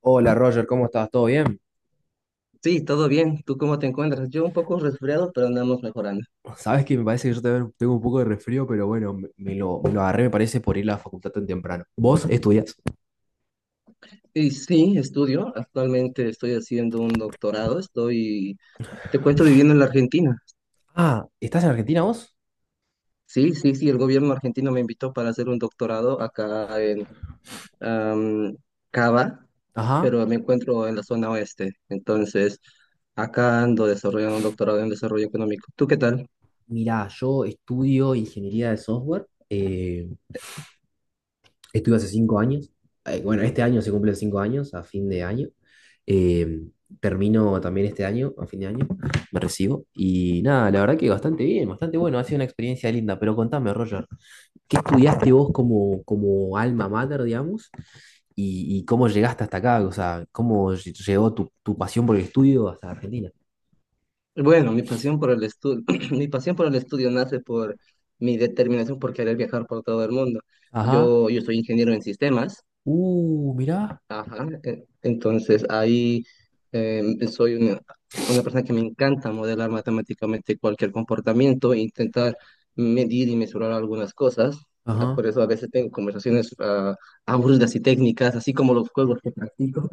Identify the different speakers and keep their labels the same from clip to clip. Speaker 1: Hola Roger, ¿cómo estás? ¿Todo bien?
Speaker 2: Sí, todo bien. ¿Tú cómo te encuentras? Yo un poco resfriado, pero andamos mejorando.
Speaker 1: Sabes que me parece que yo tengo un poco de resfrío, pero bueno, me lo agarré, me parece, por ir a la facultad tan temprano. ¿Vos estudias?
Speaker 2: Y sí, estudio. Actualmente estoy haciendo un doctorado. Estoy, te cuento, viviendo en la Argentina.
Speaker 1: Ah, ¿estás en Argentina vos?
Speaker 2: Sí, sí, sí, el gobierno argentino me invitó para hacer un doctorado acá en am, Cava,
Speaker 1: Ajá.
Speaker 2: pero me encuentro en la zona oeste. Entonces, acá ando desarrollando un doctorado en desarrollo económico. ¿Tú qué tal?
Speaker 1: Mirá, yo estudio ingeniería de software. Estudio hace 5 años. Bueno, este año se cumplen 5 años, a fin de año. Eh, Termino también este año, a fin de año, me recibo. Y nada, la verdad que bastante bien, bastante bueno, ha sido una experiencia linda. Pero contame, Roger, ¿qué estudiaste vos como, como alma mater, digamos? Y, ¿y cómo llegaste hasta acá? O sea, ¿cómo llegó tu pasión por el estudio hasta Argentina?
Speaker 2: Bueno, mi pasión por el estudio, mi pasión por el estudio nace por mi determinación por querer viajar por todo el mundo.
Speaker 1: Ajá.
Speaker 2: Yo soy ingeniero en sistemas,
Speaker 1: Mirá.
Speaker 2: ajá, entonces ahí eh, soy una persona que me encanta modelar matemáticamente cualquier comportamiento, e intentar medir y mesurar algunas cosas. Ah,
Speaker 1: Ajá.
Speaker 2: por eso a veces tengo conversaciones aburridas y técnicas, así como los juegos que practico.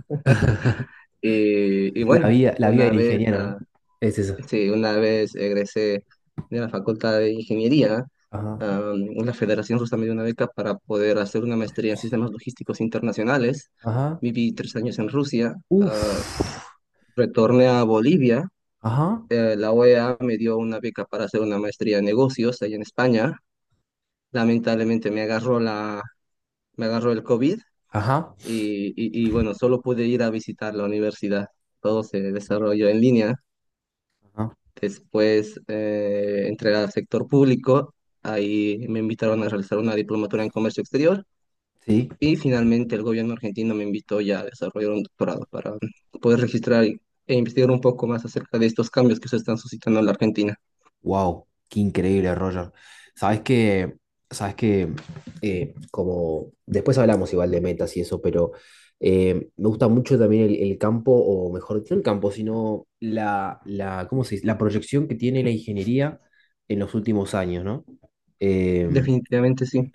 Speaker 2: Y bueno,
Speaker 1: La vida
Speaker 2: una
Speaker 1: del
Speaker 2: vez...
Speaker 1: ingeniero, ¿no?
Speaker 2: ah,
Speaker 1: Es eso.
Speaker 2: Sí, una vez egresé de la Facultad de Ingeniería,
Speaker 1: Ajá.
Speaker 2: la Federación justo me dio una beca para poder hacer una maestría en sistemas logísticos internacionales.
Speaker 1: Ajá.
Speaker 2: Viví 3 años en Rusia, ah,
Speaker 1: Uf.
Speaker 2: retorné a Bolivia.
Speaker 1: Ajá.
Speaker 2: La OEA me dio una beca para hacer una maestría en negocios allá en España. Lamentablemente me agarró el COVID
Speaker 1: Ajá.
Speaker 2: y, bueno, solo pude ir a visitar la universidad. Todo se desarrolló en línea.
Speaker 1: Ajá.
Speaker 2: Después entré al sector público, ahí me invitaron a realizar una diplomatura en comercio exterior
Speaker 1: Sí.
Speaker 2: y finalmente el gobierno argentino me invitó ya a desarrollar un doctorado para poder registrar e investigar un poco más acerca de estos cambios que se están suscitando en la Argentina.
Speaker 1: Wow, qué increíble, Roger. Sabes que, sabes que, Como después hablamos igual de metas y eso, pero me gusta mucho también el campo, o mejor, no el campo, sino ¿cómo se dice? La proyección que tiene la ingeniería en los últimos años, ¿no? Em,
Speaker 2: Definitivamente sí.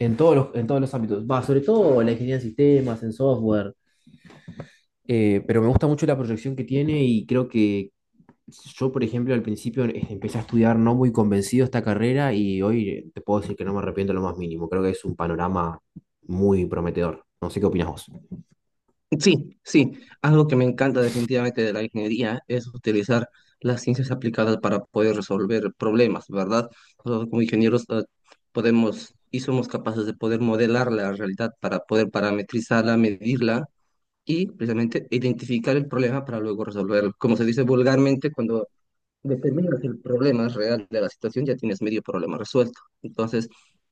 Speaker 1: en en todos los ámbitos, va, sobre todo la ingeniería en sistemas, en software, pero me gusta mucho la proyección que tiene y creo que yo, por ejemplo, al principio empecé a estudiar no muy convencido esta carrera y hoy te puedo decir que no me arrepiento lo más mínimo. Creo que es un panorama muy prometedor. No sé qué opinas vos.
Speaker 2: Sí, sí, algo que me encanta definitivamente de la ingeniería es utilizar las ciencias aplicadas para poder resolver problemas, ¿verdad? Nosotros como ingenieros podemos y somos capaces de poder modelar la realidad para poder parametrizarla, medirla y precisamente identificar el problema para luego resolverlo. Como se dice vulgarmente, cuando determinas el problema real de la situación, ya tienes medio problema resuelto. Entonces,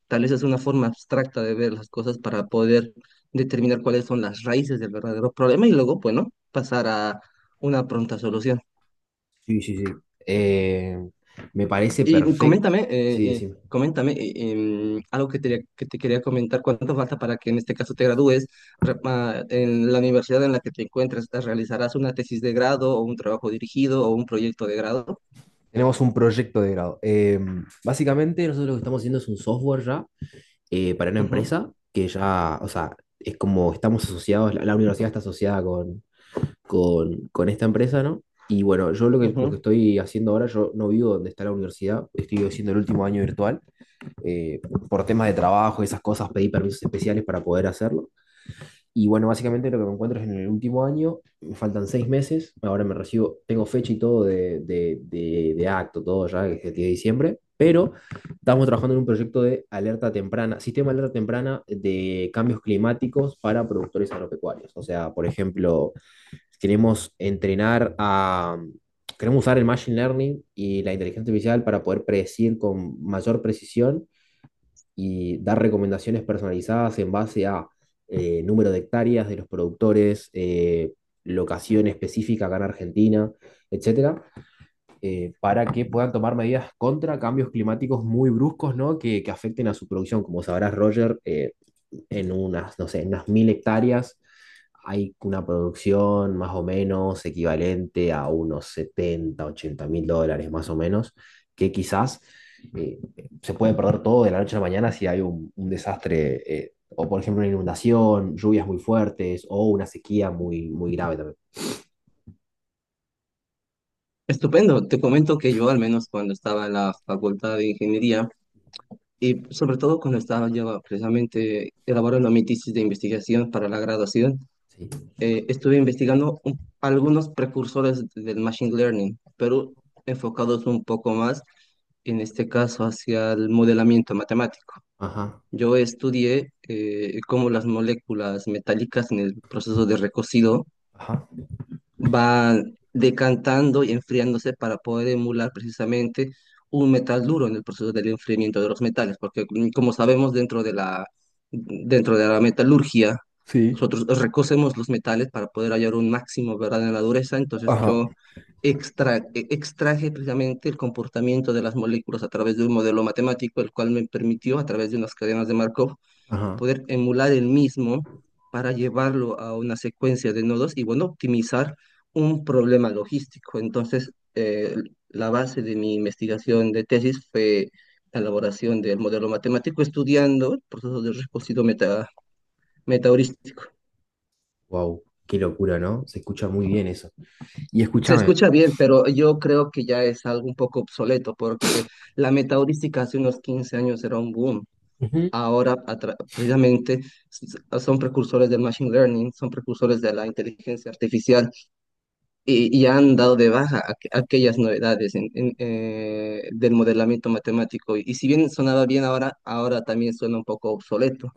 Speaker 2: tal vez es una forma abstracta de ver las cosas para poder determinar cuáles son las raíces del verdadero problema y luego, bueno, pasar a una pronta solución.
Speaker 1: Sí, sí, sí. Eh, Me parece
Speaker 2: Y
Speaker 1: perfecto.
Speaker 2: coméntame,
Speaker 1: Sí, sí.
Speaker 2: algo que te quería comentar, cuánto falta para que en este caso te gradúes en la universidad en la que te encuentres. ¿Realizarás una tesis de grado o un trabajo dirigido o un proyecto de grado?
Speaker 1: Tenemos un proyecto de grado. Básicamente, nosotros lo que estamos haciendo es un software ya para una
Speaker 2: Ujú,
Speaker 1: empresa que ya, o sea, es como estamos asociados, la universidad está asociada con esta empresa, ¿no? Y bueno, yo lo
Speaker 2: ujú.
Speaker 1: que estoy haciendo ahora, yo no vivo donde está la universidad, estoy haciendo el último año virtual. eh, por temas de trabajo, y esas cosas, pedí permisos especiales para poder hacerlo. Y bueno, básicamente lo que me encuentro es en el último año, me faltan 6 meses, ahora me recibo, tengo fecha y todo de acto, todo ya, que es el 10 de diciembre, pero estamos trabajando en un proyecto de alerta temprana, sistema de alerta temprana de cambios climáticos para productores agropecuarios. O sea, por ejemplo, queremos entrenar a... Queremos usar el Machine Learning y la inteligencia artificial para poder predecir con mayor precisión y dar recomendaciones personalizadas en base a número de hectáreas de los productores, locación específica acá en Argentina, etcétera, para que puedan tomar medidas contra cambios climáticos muy bruscos, ¿no? Que afecten a su producción. Como sabrás, Roger, en unas, no sé, en unas 1000 hectáreas hay una producción más o menos equivalente a unos 70 80 mil dólares más o menos, que quizás eh, se puede perder todo de la noche a la mañana si hay un desastre, o por ejemplo una inundación, lluvias muy fuertes o una sequía muy, muy grave también.
Speaker 2: Estupendo, te comento que yo al menos cuando estaba en la Facultad de Ingeniería y sobre todo cuando estaba yo precisamente elaborando mi tesis de investigación para la graduación,
Speaker 1: Sí.
Speaker 2: estuve investigando algunos precursores del Machine Learning, pero enfocados un poco más, en este caso, hacia el modelamiento matemático.
Speaker 1: Ajá,
Speaker 2: Yo estudié cómo las moléculas metálicas en el proceso de recocido
Speaker 1: ajá,
Speaker 2: van decantando y enfriándose para poder emular precisamente un metal duro en el proceso del enfriamiento de los metales, porque como sabemos dentro de la metalurgia,
Speaker 1: sí.
Speaker 2: nosotros recocemos los metales para poder hallar un máximo, ¿verdad?, en la dureza. Entonces
Speaker 1: Ah,
Speaker 2: yo extraje precisamente el comportamiento de las moléculas a través de un modelo matemático, el cual me permitió, a través de unas cadenas de Markov,
Speaker 1: ajá.
Speaker 2: poder emular el mismo para llevarlo a una secuencia de nodos y, bueno, optimizar un problema logístico. Entonces, la base de mi investigación de tesis fue la elaboración del modelo matemático estudiando el proceso de metaheurístico.
Speaker 1: Wow, qué locura, ¿no? Se escucha muy bien eso. Y
Speaker 2: Se
Speaker 1: escúchame.
Speaker 2: escucha bien, pero yo creo que ya es algo un poco obsoleto porque la metaheurística hace unos 15 años era un boom.
Speaker 1: Ujú.
Speaker 2: Ahora a precisamente son precursores del Machine Learning, son precursores de la inteligencia artificial y han dado de baja aquellas novedades del modelamiento matemático. Y, si bien sonaba bien ahora, ahora también suena un poco obsoleto.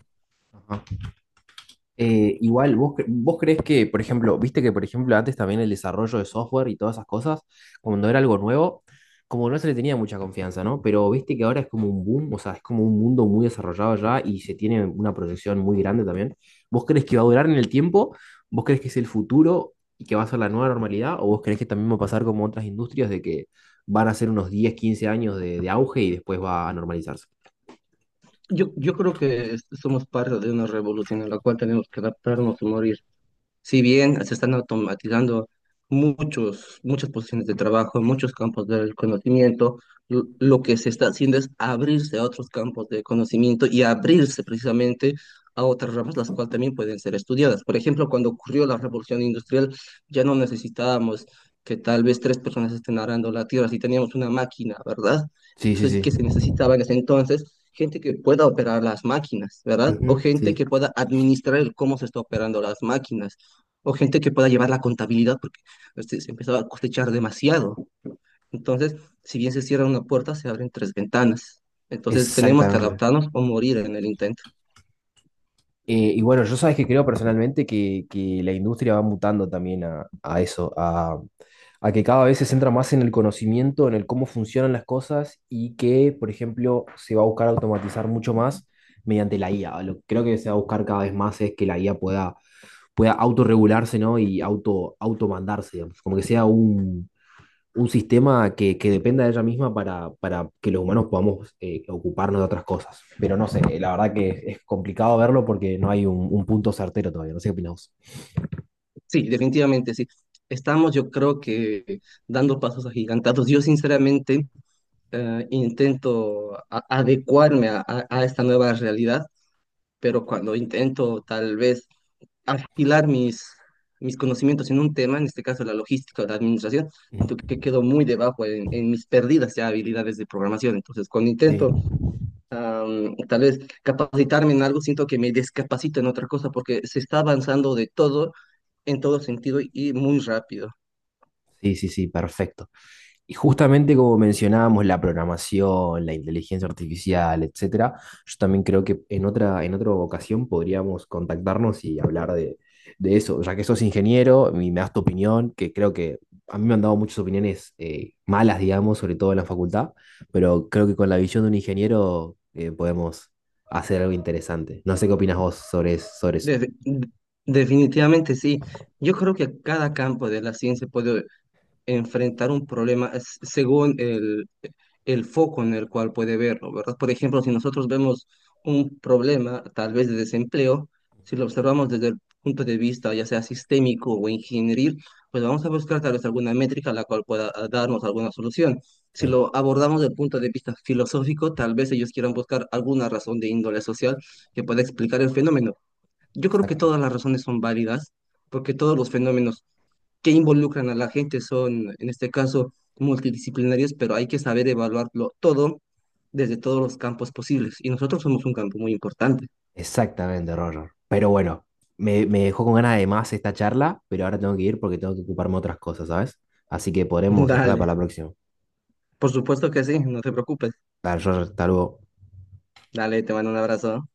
Speaker 1: Igual, vos crees que, por ejemplo, viste que, por ejemplo, antes también el desarrollo de software y todas esas cosas, cuando era algo nuevo, como no se le tenía mucha confianza, ¿no? Pero viste que ahora es como un boom, o sea, es como un mundo muy desarrollado ya y se tiene una proyección muy grande también. ¿Vos crees que va a durar en el tiempo? ¿Vos crees que es el futuro y que va a ser la nueva normalidad? ¿O vos crees que también va a pasar como otras industrias de que van a ser unos 10 15 años de auge y después va a normalizarse?
Speaker 2: Yo creo que somos parte de una revolución en la cual tenemos que adaptarnos y morir. Si bien se están automatizando muchas posiciones de trabajo, muchos campos del conocimiento, lo que se está haciendo es abrirse a otros campos de conocimiento y abrirse precisamente a otras ramas, las cuales también pueden ser estudiadas. Por ejemplo, cuando ocurrió la revolución industrial, ya no necesitábamos que tal vez tres personas estén arando la tierra, si teníamos una máquina, ¿verdad?
Speaker 1: Sí, sí,
Speaker 2: Entonces,
Speaker 1: sí.
Speaker 2: que se necesitaba en ese entonces gente que pueda operar las máquinas, ¿verdad? O
Speaker 1: Ujú,
Speaker 2: gente
Speaker 1: sí,
Speaker 2: que pueda administrar el cómo se está operando las máquinas, o gente que pueda llevar la contabilidad porque este, se empezaba a cosechar demasiado. Entonces, si bien se cierra una puerta, se abren tres ventanas. Entonces, tenemos que
Speaker 1: exactamente.
Speaker 2: adaptarnos o morir en el intento.
Speaker 1: Y bueno, yo sabes que creo personalmente que la industria va mutando también a eso, a que cada vez se centra más en el conocimiento, en el cómo funcionan las cosas y que, por ejemplo, se va a buscar automatizar mucho más mediante la IA. Lo que creo que se va a buscar cada vez más es que la IA pueda, pueda autorregularse, ¿no? Y auto, automandarse, digamos. Como que sea un sistema que dependa de ella misma para que los humanos podamos ocuparnos de otras cosas. Pero no sé, la verdad que es complicado verlo porque no hay un punto certero todavía. No sé qué opinás vos.
Speaker 2: Sí, definitivamente sí. Estamos, yo creo que, dando pasos agigantados. Yo, sinceramente, intento adecuarme a esta nueva realidad, pero cuando intento tal vez afilar mis conocimientos en un tema, en este caso la logística o la administración, aunque
Speaker 1: Mm,
Speaker 2: quedo muy debajo en mis perdidas ya habilidades de programación. Entonces, cuando
Speaker 1: sí.
Speaker 2: intento tal vez capacitarme en algo, siento que me descapacito en otra cosa porque se está avanzando de todo, en todo sentido y muy rápido.
Speaker 1: Sí, sí, sí, perfecto. Y justamente como mencionábamos la programación, la inteligencia artificial, etcétera, yo también creo que en otra ocasión podríamos contactarnos y hablar de eso, ya que sos ingeniero y me das tu opinión, que creo que a mí me han dado muchas opiniones malas, digamos, sobre todo en la facultad, pero creo que con la visión de un ingeniero podemos hacer algo interesante. No sé qué opinas vos sobre, sobre eso.
Speaker 2: Def- Definitivamente sí. Yo creo que cada campo de la ciencia puede enfrentar un problema según el foco en el cual puede verlo, ¿verdad? Por ejemplo, si nosotros vemos un problema, tal vez de desempleo, si lo observamos desde el punto de vista ya sea sistémico o ingenieril, pues vamos a buscar tal vez alguna métrica la cual pueda darnos alguna solución. Si
Speaker 1: Sí,
Speaker 2: lo abordamos desde el punto de vista filosófico, tal vez ellos quieran buscar alguna razón de índole social que pueda explicar el fenómeno. Yo creo que
Speaker 1: exacto.
Speaker 2: todas las razones son válidas, porque todos los fenómenos que involucran a la gente son, en este caso, multidisciplinarios, pero hay que saber evaluarlo todo desde todos los campos posibles. Y nosotros somos un campo muy importante.
Speaker 1: Exactamente, Roger. Pero bueno, me dejó con ganas de más esta charla, pero ahora tengo que ir porque tengo que ocuparme de otras cosas, ¿sabes? Así que podremos dejarla
Speaker 2: Dale,
Speaker 1: para la próxima.
Speaker 2: por supuesto que sí, no te preocupes.
Speaker 1: Dale, Roger, hasta luego.
Speaker 2: Dale, te mando un abrazo.